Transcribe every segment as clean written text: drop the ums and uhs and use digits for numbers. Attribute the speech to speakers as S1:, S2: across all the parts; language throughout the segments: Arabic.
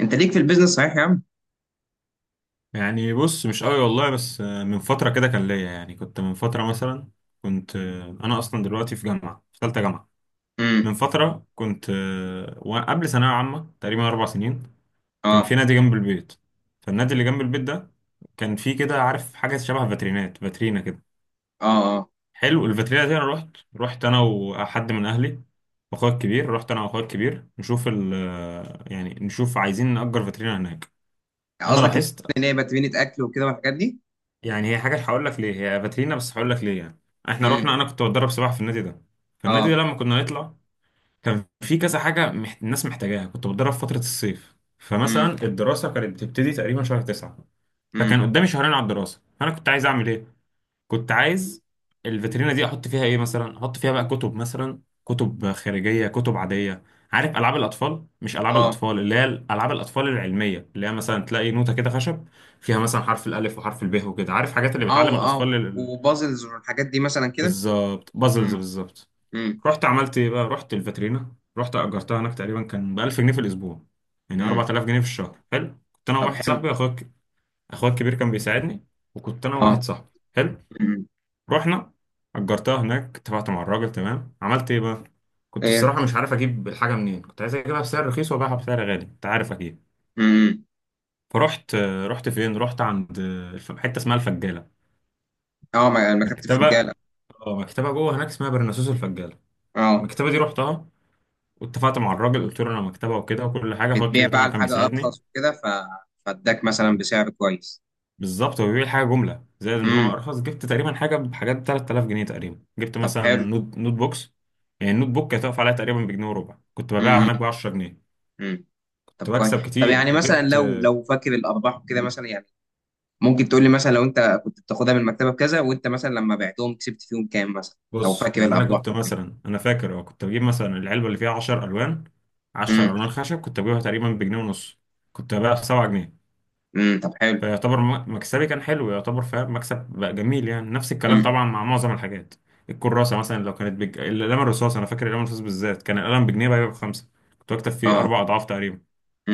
S1: انت ليك في البيزنس، صحيح يا عم؟
S2: يعني بص مش قوي والله بس من فترة كده كان ليا يعني كنت من فترة مثلا كنت أنا أصلا دلوقتي في جامعة في تالتة جامعة.
S1: امم.
S2: من فترة كنت وقبل ثانوية عامة تقريبا 4 سنين كان في
S1: اه،
S2: نادي جنب البيت. فالنادي اللي جنب البيت ده كان في كده عارف حاجة شبه فاترينات فاترينا كده.
S1: اه، اه.
S2: حلو الفاترينا دي أنا رحت أنا وحد من أهلي وأخويا الكبير. رحت أنا وأخويا الكبير نشوف ال آه، يعني نشوف عايزين نأجر فاترينا هناك. أنا
S1: قصدك
S2: لاحظت
S1: ان هي بتبني اكل وكده والحاجات دي؟
S2: يعني هي حاجه هقول لك ليه. هي فاترينا بس هقول لك ليه يعني. احنا
S1: امم.
S2: رحنا، انا كنت بتدرب سباحه في النادي ده. فالنادي ده
S1: اه.
S2: لما كنا نطلع كان في كذا حاجه الناس محتاجاها. كنت بتدرب فتره الصيف،
S1: امم،
S2: فمثلا الدراسه كانت بتبتدي تقريبا شهر 9، فكان
S1: امم.
S2: قدامي شهرين على الدراسه. فانا كنت عايز اعمل ايه؟ كنت عايز الفيترينا دي احط فيها ايه، مثلا احط فيها بقى كتب، مثلا كتب خارجيه كتب عاديه. عارف العاب الاطفال، مش العاب
S1: اه،
S2: الاطفال اللي هي العاب الاطفال العلميه، اللي هي مثلا تلاقي نوته كده خشب فيها مثلا حرف الالف وحرف الب وكده، عارف حاجات اللي
S1: او
S2: بتعلم
S1: او
S2: الاطفال
S1: وبازلز والحاجات دي مثلا كده.
S2: بالظبط بازلز
S1: امم،
S2: بالظبط.
S1: امم،
S2: رحت عملت ايه بقى؟ رحت الفيترينا، رحت اجرتها هناك تقريبا كان ب 1000 جنيه في الاسبوع، يعني
S1: امم.
S2: 4000 جنيه في الشهر. حلو، كنت انا
S1: طب،
S2: وواحد
S1: حلو.
S2: صاحبي اخويا الكبير كان بيساعدني، وكنت انا
S1: اه.
S2: وواحد صاحبي. حلو،
S1: امم.
S2: رحنا اجرتها هناك، اتفقت مع الراجل تمام. عملت ايه بقى؟ كنت
S1: ايه.
S2: الصراحه مش عارف اجيب الحاجه منين. كنت عايز اجيبها بسعر رخيص وابيعها بسعر غالي، انت عارف اكيد.
S1: امم.
S2: فرحت، رحت فين؟ رحت عند حته اسمها الفجاله،
S1: اه، ما يعني ما كنت في
S2: مكتبه.
S1: رجاله.
S2: اه مكتبه جوه هناك اسمها برناسوس الفجاله.
S1: اه،
S2: المكتبه دي رحتها، واتفقت مع الراجل قلت له انا مكتبه وكده وكل حاجه. اخويا
S1: بتبيع
S2: الكبير
S1: بقى
S2: طبعا كان
S1: الحاجه
S2: بيساعدني.
S1: ارخص وكده، فاداك مثلا بسعر كويس؟
S2: بالظبط، هو بيبيع حاجه جمله زائد ان هو
S1: امم.
S2: ارخص. جبت تقريبا حاجه بحاجات ب 3000 جنيه تقريبا. جبت
S1: طب،
S2: مثلا
S1: حلو.
S2: نوت بوكس. يعني النوت بوك كانت واقفه عليها تقريبا بجنيه وربع، كنت ببيعها
S1: امم،
S2: هناك ب 10 جنيه.
S1: امم. طب
S2: كنت بكسب
S1: كويس. طب يعني
S2: كتير.
S1: مثلا،
S2: وجبت،
S1: لو فاكر الارباح وكده مثلا، يعني ممكن تقول لي مثلا، لو انت كنت بتاخدها من المكتبه بكذا، وانت مثلا لما بعتهم كسبت فيهم كام مثلا؟ لو
S2: بص
S1: فاكر
S2: يعني انا
S1: الارباح
S2: كنت
S1: او كده؟
S2: مثلا، انا فاكر كنت بجيب مثلا العلبه اللي فيها 10 الوان.
S1: امم،
S2: 10 الوان خشب كنت بجيبها تقريبا بجنيه ونص، كنت ببيعها ب 7.
S1: امم. طب، حلو.
S2: فيعتبر مكسبي كان حلو يعتبر، فاهم؟ مكسب بقى جميل، يعني نفس الكلام
S1: امم.
S2: طبعا مع معظم الحاجات. الكراسة مثلا لو كانت القلم الرصاص، أنا فاكر القلم الرصاص بالذات كان القلم بجنيه، بقى يبقى ب5. كنت بكتب فيه
S1: اه.
S2: 4 أضعاف تقريبا.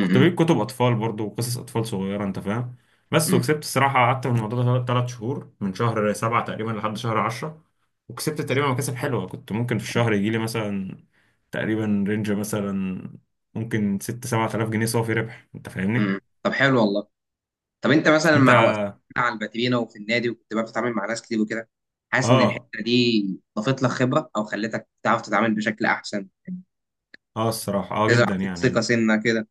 S2: كنت بجيب كتب أطفال برضو وقصص أطفال صغيرة، أنت فاهم. بس
S1: امم.
S2: وكسبت الصراحة. قعدت في الموضوع ده 3 شهور، من شهر 7 تقريبا لحد شهر 10. وكسبت تقريبا مكاسب حلوة. كنت ممكن في
S1: آه.
S2: الشهر يجيلي مثلا تقريبا رينج مثلا ممكن 6 أو 7 آلاف جنيه صافي ربح، أنت فاهمني؟
S1: امم. طب، حلو والله. طب انت مثلا،
S2: أنت
S1: مع وقفت على الباترينا وفي النادي، وكنت بقى بتتعامل مع ناس كتير وكده، حاسس ان
S2: اه
S1: الحته دي ضافت لك خبره، او خلتك تعرف تتعامل بشكل احسن يعني،
S2: اه الصراحة اه
S1: تزرع
S2: جدا
S1: فيك ثقه
S2: يعني.
S1: سنه كده؟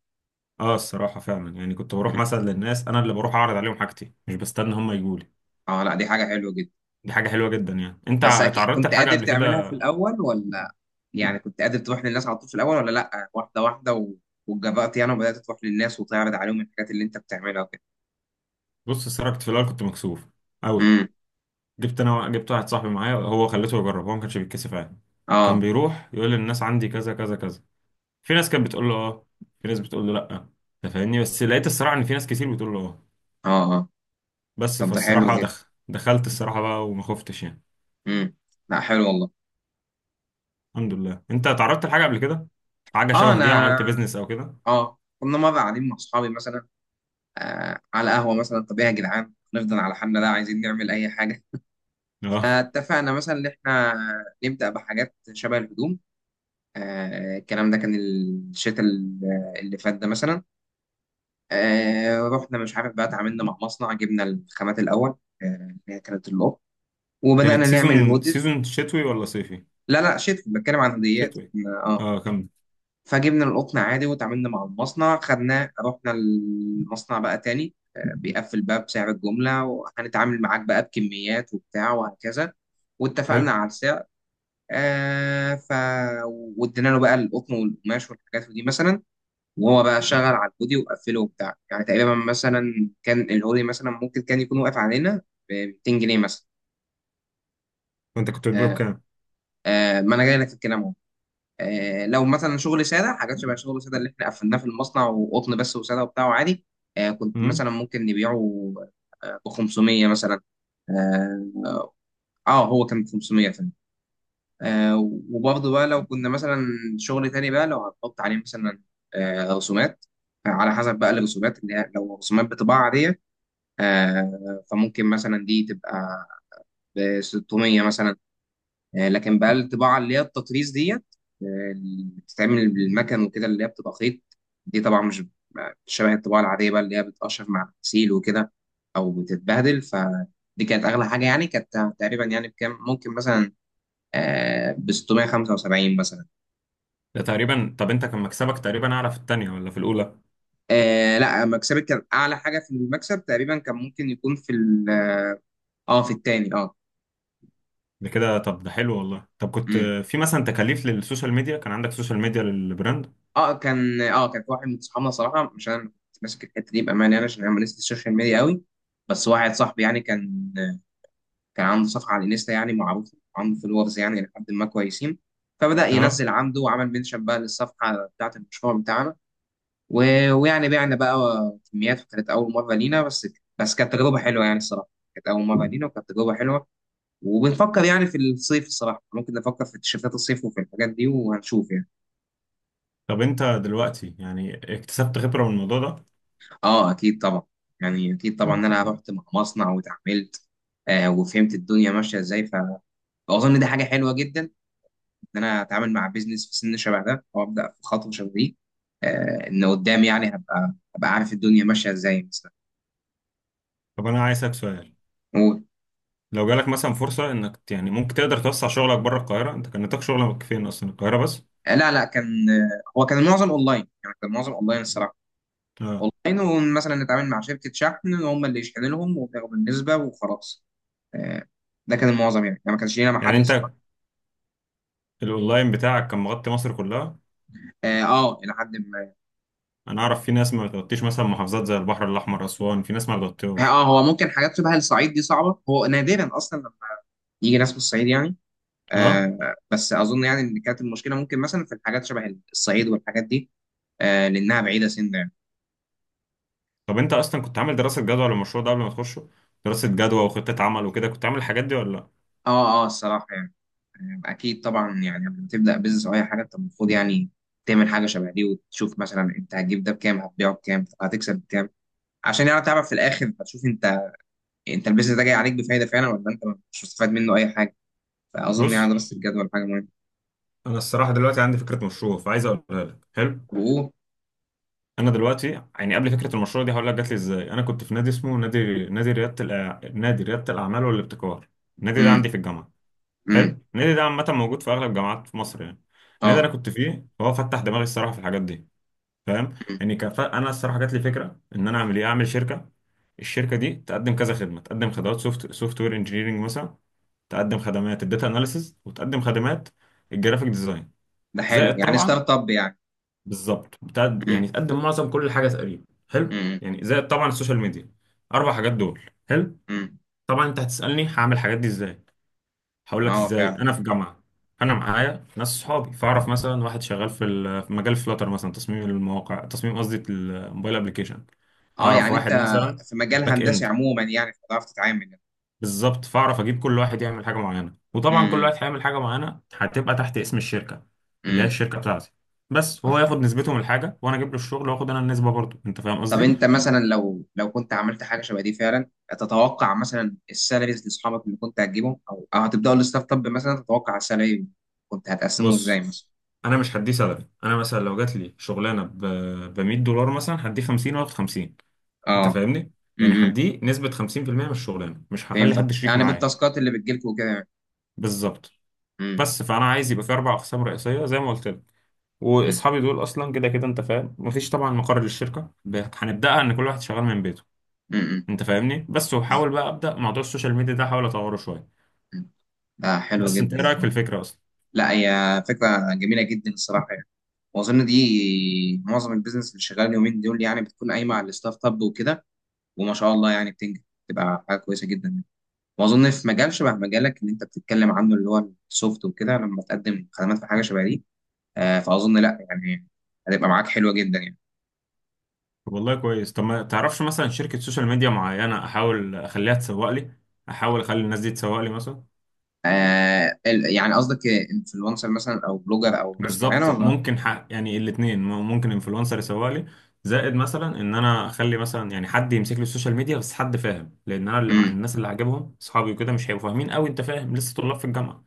S2: اه الصراحة فعلا يعني كنت بروح
S1: مم.
S2: مثلا للناس، انا اللي بروح اعرض عليهم حاجتي مش بستنى هم يجوا لي.
S1: اه، لا، دي حاجه حلوه جدا.
S2: دي حاجة حلوة جدا يعني. انت
S1: بس اكيد
S2: اتعرضت
S1: كنت
S2: لحاجة
S1: قادر
S2: قبل
S1: تعملها في
S2: كده.
S1: الاول ولا؟ يعني كنت قادر تروح للناس على طول في الاول، ولا لا، واحده واحده واتجبرت يعني، وبدات تروح للناس وتعرض عليهم الحاجات اللي انت بتعملها وكده؟
S2: بص الصراحة كنت في الاول كنت مكسوف قوي.
S1: امم.
S2: جبت، انا جبت واحد صاحبي معايا هو خليته يجرب، هو ما كانش بيتكسف عادي. كان
S1: اه،
S2: بيروح يقول للناس عندي كذا كذا كذا. في ناس كانت بتقول له اه، في ناس بتقول له لا، انت فاهمني. بس لقيت الصراحة ان في ناس كتير بتقول له اه.
S1: اه، اه.
S2: بس
S1: طب ده حلو
S2: فالصراحة
S1: جدا.
S2: دخلت الصراحة بقى وما خفتش يعني.
S1: امم. لا، حلو والله.
S2: الحمد لله. انت اتعرضت لحاجة قبل كده، حاجة
S1: اه،
S2: شبه دي،
S1: انا
S2: عملت بيزنس او كده؟
S1: اه كنا مره قاعدين مع اصحابي مثلا، على قهوه مثلا، طب ايه يا جدعان؟ نفضل على حالنا؟ لا، عايزين نعمل اي حاجه.
S2: اه،
S1: فاتفقنا مثلا ان احنا نبدا بحاجات شبه الهدوم. الكلام ده كان الشتاء اللي فات ده مثلا. رحنا مش عارف بقى، اتعاملنا مع مصنع، جبنا الخامات الاول، اللي هي كانت القطن،
S2: كانت
S1: وبدانا نعمل
S2: سيزون
S1: الهودز.
S2: سيزون شتوي ولا صيفي؟
S1: لا، لا، شيت بتكلم عن هديات.
S2: شتوي.
S1: اه،
S2: اه، كم.
S1: فجبنا القطن عادي، وتعاملنا مع المصنع، خدناه، رحنا المصنع بقى تاني، بيقفل بقى بسعر الجملة، وهنتعامل معاك بقى بكميات وبتاع وهكذا. واتفقنا
S2: حلو،
S1: على السعر. آه ف وادينا له بقى القطن والقماش والحاجات دي مثلا، وهو بقى شغل على الهودي وقفله وبتاع، يعني تقريبا مثلا كان الهودي مثلا ممكن كان يكون واقف علينا ب 200 جنيه مثلا.
S2: وانت كنت بتبيعه
S1: آه
S2: بكام؟
S1: ما انا جاي لك في الكلام اهو. لو مثلا شغل ساده، حاجات شبه شغل ساده اللي احنا قفلناه في المصنع، وقطن بس وساده وبتاع وعادي، كنت
S2: امم،
S1: مثلا ممكن نبيعه ب 500 مثلا. اه. هو كان 500 فعلا. آه وبرضه بقى لو كنا مثلا، شغل تاني بقى لو هنحط عليه مثلا، رسومات، على حسب بقى الرسومات اللي هي، لو رسومات بطباعة عادية، فممكن مثلا دي تبقى ب 600 مثلا. لكن بقى الطباعه اللي هي التطريز ديت، اللي بتتعمل بالمكن وكده، اللي هي بتبقى خيط، دي طبعا مش شبه الطباعه العاديه بقى اللي هي بتقشر مع الغسيل وكده او بتتبهدل. فدي كانت اغلى حاجه يعني، كانت تقريبا يعني بكام؟ ممكن مثلا، ب 675 مثلا.
S2: ده تقريبا، طب انت كان مكسبك تقريبا اعلى في التانية ولا في الاولى؟
S1: لا، مكسبك كان اعلى حاجه، في المكسب تقريبا كان ممكن يكون في اه، في التاني.
S2: ده كده، طب ده حلو والله. طب كنت
S1: اه،
S2: في مثلا تكاليف للسوشيال ميديا؟ كان عندك سوشيال ميديا للبراند؟
S1: اه، كان في واحد من صحابنا صراحه، مش انا اللي كنت ماسك الحته دي بامانه يعني، عشان انا ماليش في السوشيال ميديا قوي. بس واحد صاحبي يعني، كان عنده صفحه على الانستا، يعني معروف عنده فولورز، يعني لحد ما كويسين. فبدا
S2: اه.
S1: ينزل عنده، وعمل منشن بقى للصفحه بتاعه المشروع بتاعنا، و... ويعني بعنا بقى كميات، وكانت اول مره لينا. بس بس كانت تجربه حلوه يعني الصراحه، كانت اول مره لينا وكانت تجربه حلوه. وبنفكر يعني، في الصيف الصراحه ممكن نفكر في تيشيرتات الصيف وفي الحاجات دي، وهنشوف يعني.
S2: طب انت دلوقتي يعني اكتسبت خبرة من الموضوع ده.
S1: اه، اكيد طبعا. يعني اكيد طبعا، ان انا رحت مع مصنع واتعاملت، وفهمت الدنيا ماشيه ازاي، فاظن دي حاجه حلوه جدا، ان انا اتعامل مع بيزنس في سن شبه ده، او ابدا في خطوه شبه دي، ان قدام يعني، هبقى عارف الدنيا ماشيه ازاي مثلا.
S2: طب انا عايز اسالك سؤال،
S1: و-
S2: لو جالك مثلا فرصة انك يعني ممكن تقدر توسع شغلك بره القاهرة؟ انت كان نطاق شغلك فين اصلا، القاهرة بس؟
S1: لا، لا، كان، هو كان معظم اونلاين، يعني كان معظم اونلاين الصراحه.
S2: اه،
S1: اونلاين مثلا نتعامل مع شركه شحن، هم اللي يشحنوا لهم وتاخد النسبه وخلاص. آه ده كان المعظم، يعني ما كانش لينا
S2: يعني
S1: محل
S2: انت الاونلاين بتاعك كان مغطي مصر كلها.
S1: اه. الى حد ما.
S2: انا اعرف في ناس ما بتغطيش مثلا محافظات زي البحر الاحمر، اسوان، في ناس ما
S1: اه.
S2: بتغطيهاش.
S1: هو ممكن حاجات شبه الصعيد دي صعبة، هو نادرا اصلا لما يجي ناس من الصعيد يعني.
S2: اه.
S1: بس اظن يعني، ان كانت المشكلة ممكن مثلا في الحاجات شبه الصعيد والحاجات دي، لانها بعيدة سن يعني.
S2: طب انت اصلا كنت عامل دراسه جدوى للمشروع ده قبل ما تخشه؟ دراسه جدوى وخطه عمل وكده، كنت عامل الحاجات دي ولا لا؟
S1: اه، اه، الصراحة يعني. اكيد طبعا، يعني لما تبدأ بيزنس او اي حاجة انت المفروض يعني تعمل حاجة شبه دي، وتشوف مثلا انت هتجيب ده بكام، هتبيعه بكام، هتكسب بكام، عشان يعني تعرف في الاخر، هتشوف انت البيزنس ده جاي عليك بفايدة فعلا، ولا انت مش مستفاد منه اي حاجة. فاظن يعني
S2: بص،
S1: دراسة الجدول حاجة مهمة.
S2: انا الصراحه دلوقتي عندي فكره مشروع، فعايز اقولها لك. حلو.
S1: و
S2: انا دلوقتي يعني قبل فكره المشروع دي هقول لك جات لي ازاي. انا كنت في نادي اسمه نادي رياده الأع... نادي رياده الاعمال والابتكار. النادي ده
S1: امم،
S2: عندي في الجامعه.
S1: امم.
S2: حلو، النادي ده عامه موجود في اغلب الجامعات في مصر يعني. النادي ده
S1: اه،
S2: انا كنت فيه، هو فتح دماغي الصراحه في الحاجات دي، فاهم. يعني انا الصراحه جات لي فكره ان انا اعمل ايه. اعمل شركه، الشركه دي تقدم كذا خدمه. تقدم خدمات سوفت وير انجينيرنج مثلا. تقدم خدمات الداتا اناليسز، وتقدم خدمات الجرافيك ديزاين
S1: ده حلو
S2: زائد
S1: يعني،
S2: طبعا.
S1: ستارت اب يعني.
S2: بالظبط، بتاع
S1: امم،
S2: يعني تقدم معظم كل حاجه تقريبا. حلو،
S1: امم،
S2: يعني زائد طبعا السوشيال ميديا، 4 حاجات دول. حلو.
S1: امم.
S2: طبعا انت هتسالني هعمل الحاجات دي ازاي. هقول لك
S1: اه
S2: ازاي،
S1: فعلا.
S2: انا في جامعه، انا معايا ناس صحابي. فاعرف مثلا واحد شغال في مجال فلاتر مثلا، تصميم المواقع، قصدي الموبايل ابلكيشن.
S1: اه،
S2: اعرف
S1: يعني
S2: واحد
S1: انت
S2: مثلا
S1: في مجال
S2: باك
S1: هندسي
S2: اند.
S1: عموما، يعني هتعرف تتعامل يعني.
S2: بالظبط، فاعرف اجيب كل واحد يعمل حاجه معينه، وطبعا كل
S1: امم،
S2: واحد هيعمل حاجه معينه هتبقى تحت اسم الشركه اللي هي
S1: امم.
S2: الشركه بتاعتي. بس
S1: طب
S2: هو
S1: حلو.
S2: ياخد نسبته من الحاجه وانا اجيب له الشغل، واخد انا النسبه برضه، انت فاهم
S1: طب
S2: قصدي.
S1: انت مثلا، لو كنت عملت حاجه شبه دي فعلا، تتوقع مثلا السالاريز لاصحابك اللي كنت هتجيبهم، او هتبداوا الستارت اب مثلا، تتوقع السالاري كنت هتقسمه ازاي
S2: بص
S1: مثلا؟
S2: انا مش هديه سلبي. انا مثلا لو جات لي شغلانه ب 100 دولار مثلا، هديه 50 واخد 50، انت
S1: اه.
S2: فاهمني. يعني
S1: امم.
S2: هديه نسبة 50% من الشغلانة، مش هخلي
S1: فهمتك،
S2: حد شريك
S1: يعني
S2: معايا.
S1: بالتاسكات اللي بتجيلكوا وكده.
S2: بالظبط.
S1: امم،
S2: بس فانا عايز يبقى في 4 اقسام رئيسية زي ما قلت لك.
S1: امم،
S2: واصحابي دول اصلا كده كده انت فاهم، مفيش طبعا مقر للشركة، هنبداها ان كل واحد شغال من بيته،
S1: امم.
S2: انت فاهمني. بس وحاول بقى ابدا موضوع السوشيال ميديا ده احاول اطوره شوية.
S1: ده حلو
S2: بس انت ايه
S1: جدا
S2: رايك في
S1: والله.
S2: الفكرة اصلا؟
S1: لا، هي فكره جميله جدا الصراحه يعني. واظن دي معظم البيزنس اللي شغال اليومين دول، يعني بتكون قايمه على الستارت اب وكده، وما شاء الله يعني بتنجح، بتبقى حاجه كويسه جدا يعني. واظن في مجال شبه مجالك اللي انت بتتكلم عنه، اللي هو السوفت وكده، لما تقدم خدمات في حاجه شبه دي، فاظن، لا يعني، هتبقى معاك حلوه جدا يعني.
S2: والله كويس. طب ما تعرفش مثلا شركة سوشيال ميديا معينة احاول اخليها تسوق لي؟ احاول اخلي الناس دي تسوق لي مثلا.
S1: يعني قصدك انفلونسر مثلا، او بلوجر، او ناس معينه،
S2: بالظبط،
S1: ولا؟
S2: ممكن حق يعني الاثنين، ممكن انفلونسر يسوق لي، زائد مثلا ان انا اخلي مثلا يعني حد يمسك لي السوشيال ميديا، بس حد فاهم، لان انا اللي مع
S1: امم،
S2: الناس اللي عاجبهم اصحابي وكده مش هيبقوا فاهمين قوي، انت فاهم؟ لسه طلاب في الجامعه،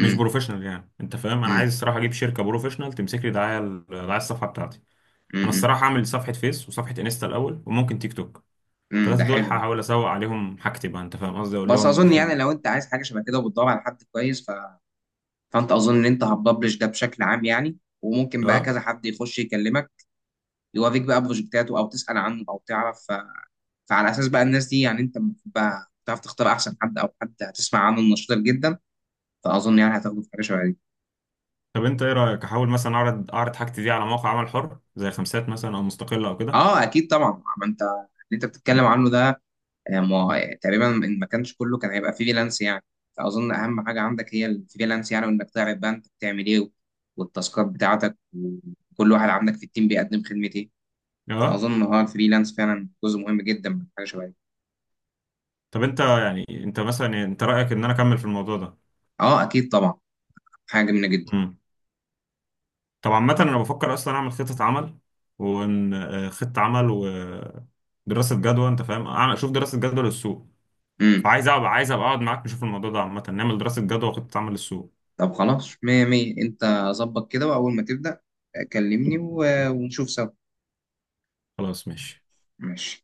S2: مش بروفيشنال يعني، انت فاهم. انا
S1: امم،
S2: عايز الصراحه اجيب شركه بروفيشنال تمسك لي دعايه، دعايه الصفحه بتاعتي. انا
S1: امم،
S2: الصراحه اعمل صفحه فيس وصفحه انستا الاول وممكن تيك توك،
S1: امم. ده
S2: الثلاثه دول
S1: حلو.
S2: هحاول اسوق عليهم حاجتي بقى، انت فاهم قصدي، اقول
S1: بس
S2: لهم
S1: اظن
S2: احنا
S1: يعني، لو انت عايز حاجه شبه كده وبتدور على حد كويس، فانت اظن ان انت هتبلش ده بشكل عام يعني، وممكن بقى
S2: اه.
S1: كذا حد يخش يكلمك، يوافق بقى بروجكتاته، او تسال عنه، او تعرف. فعلى اساس بقى الناس دي يعني، انت المفروض بقى تعرف تختار احسن حد، او حد هتسمع عنه النشاط جدا. فاظن يعني هتاخده في حاجه شبه دي.
S2: طب انت ايه رايك احاول مثلا اعرض حاجتي دي على موقع عمل حر زي خمسات مثلا او مستقله او كده؟
S1: اه، اكيد طبعا. ما انت اللي انت بتتكلم عنه ده، ما هو تقريبا ان ما كانش كله، كان هيبقى فريلانس يعني. فاظن اهم حاجه عندك هي الفريلانس يعني، وانك تعرف بقى انت بتعمل ايه، والتاسكات بتاعتك، وكل واحد عندك في التيم بيقدم خدمة ايه.
S2: اه.
S1: فاظن ان الفريلانس فعلا جزء مهم جدا من حاجه شبه دي.
S2: طب انت يعني انت مثلا يعني، انت رأيك ان انا اكمل في الموضوع ده؟
S1: اه، اكيد طبعا. حاجه جميله جدا.
S2: امم. طب عامة انا بفكر اصلا اعمل خطة عمل، وان خطة عمل ودراسة جدوى، انت فاهم، اعمل اشوف دراسة جدوى للسوق.
S1: امم.
S2: فعايز ابقى عايز ابقى اقعد معاك نشوف الموضوع ده عامة، نعمل دراسة جدوى وخطة عمل للسوق.
S1: طب خلاص، مية مية. انت ظبط كده، واول ما تبدا كلمني ونشوف سوا.
S2: خلاص ماشي.
S1: ماشي.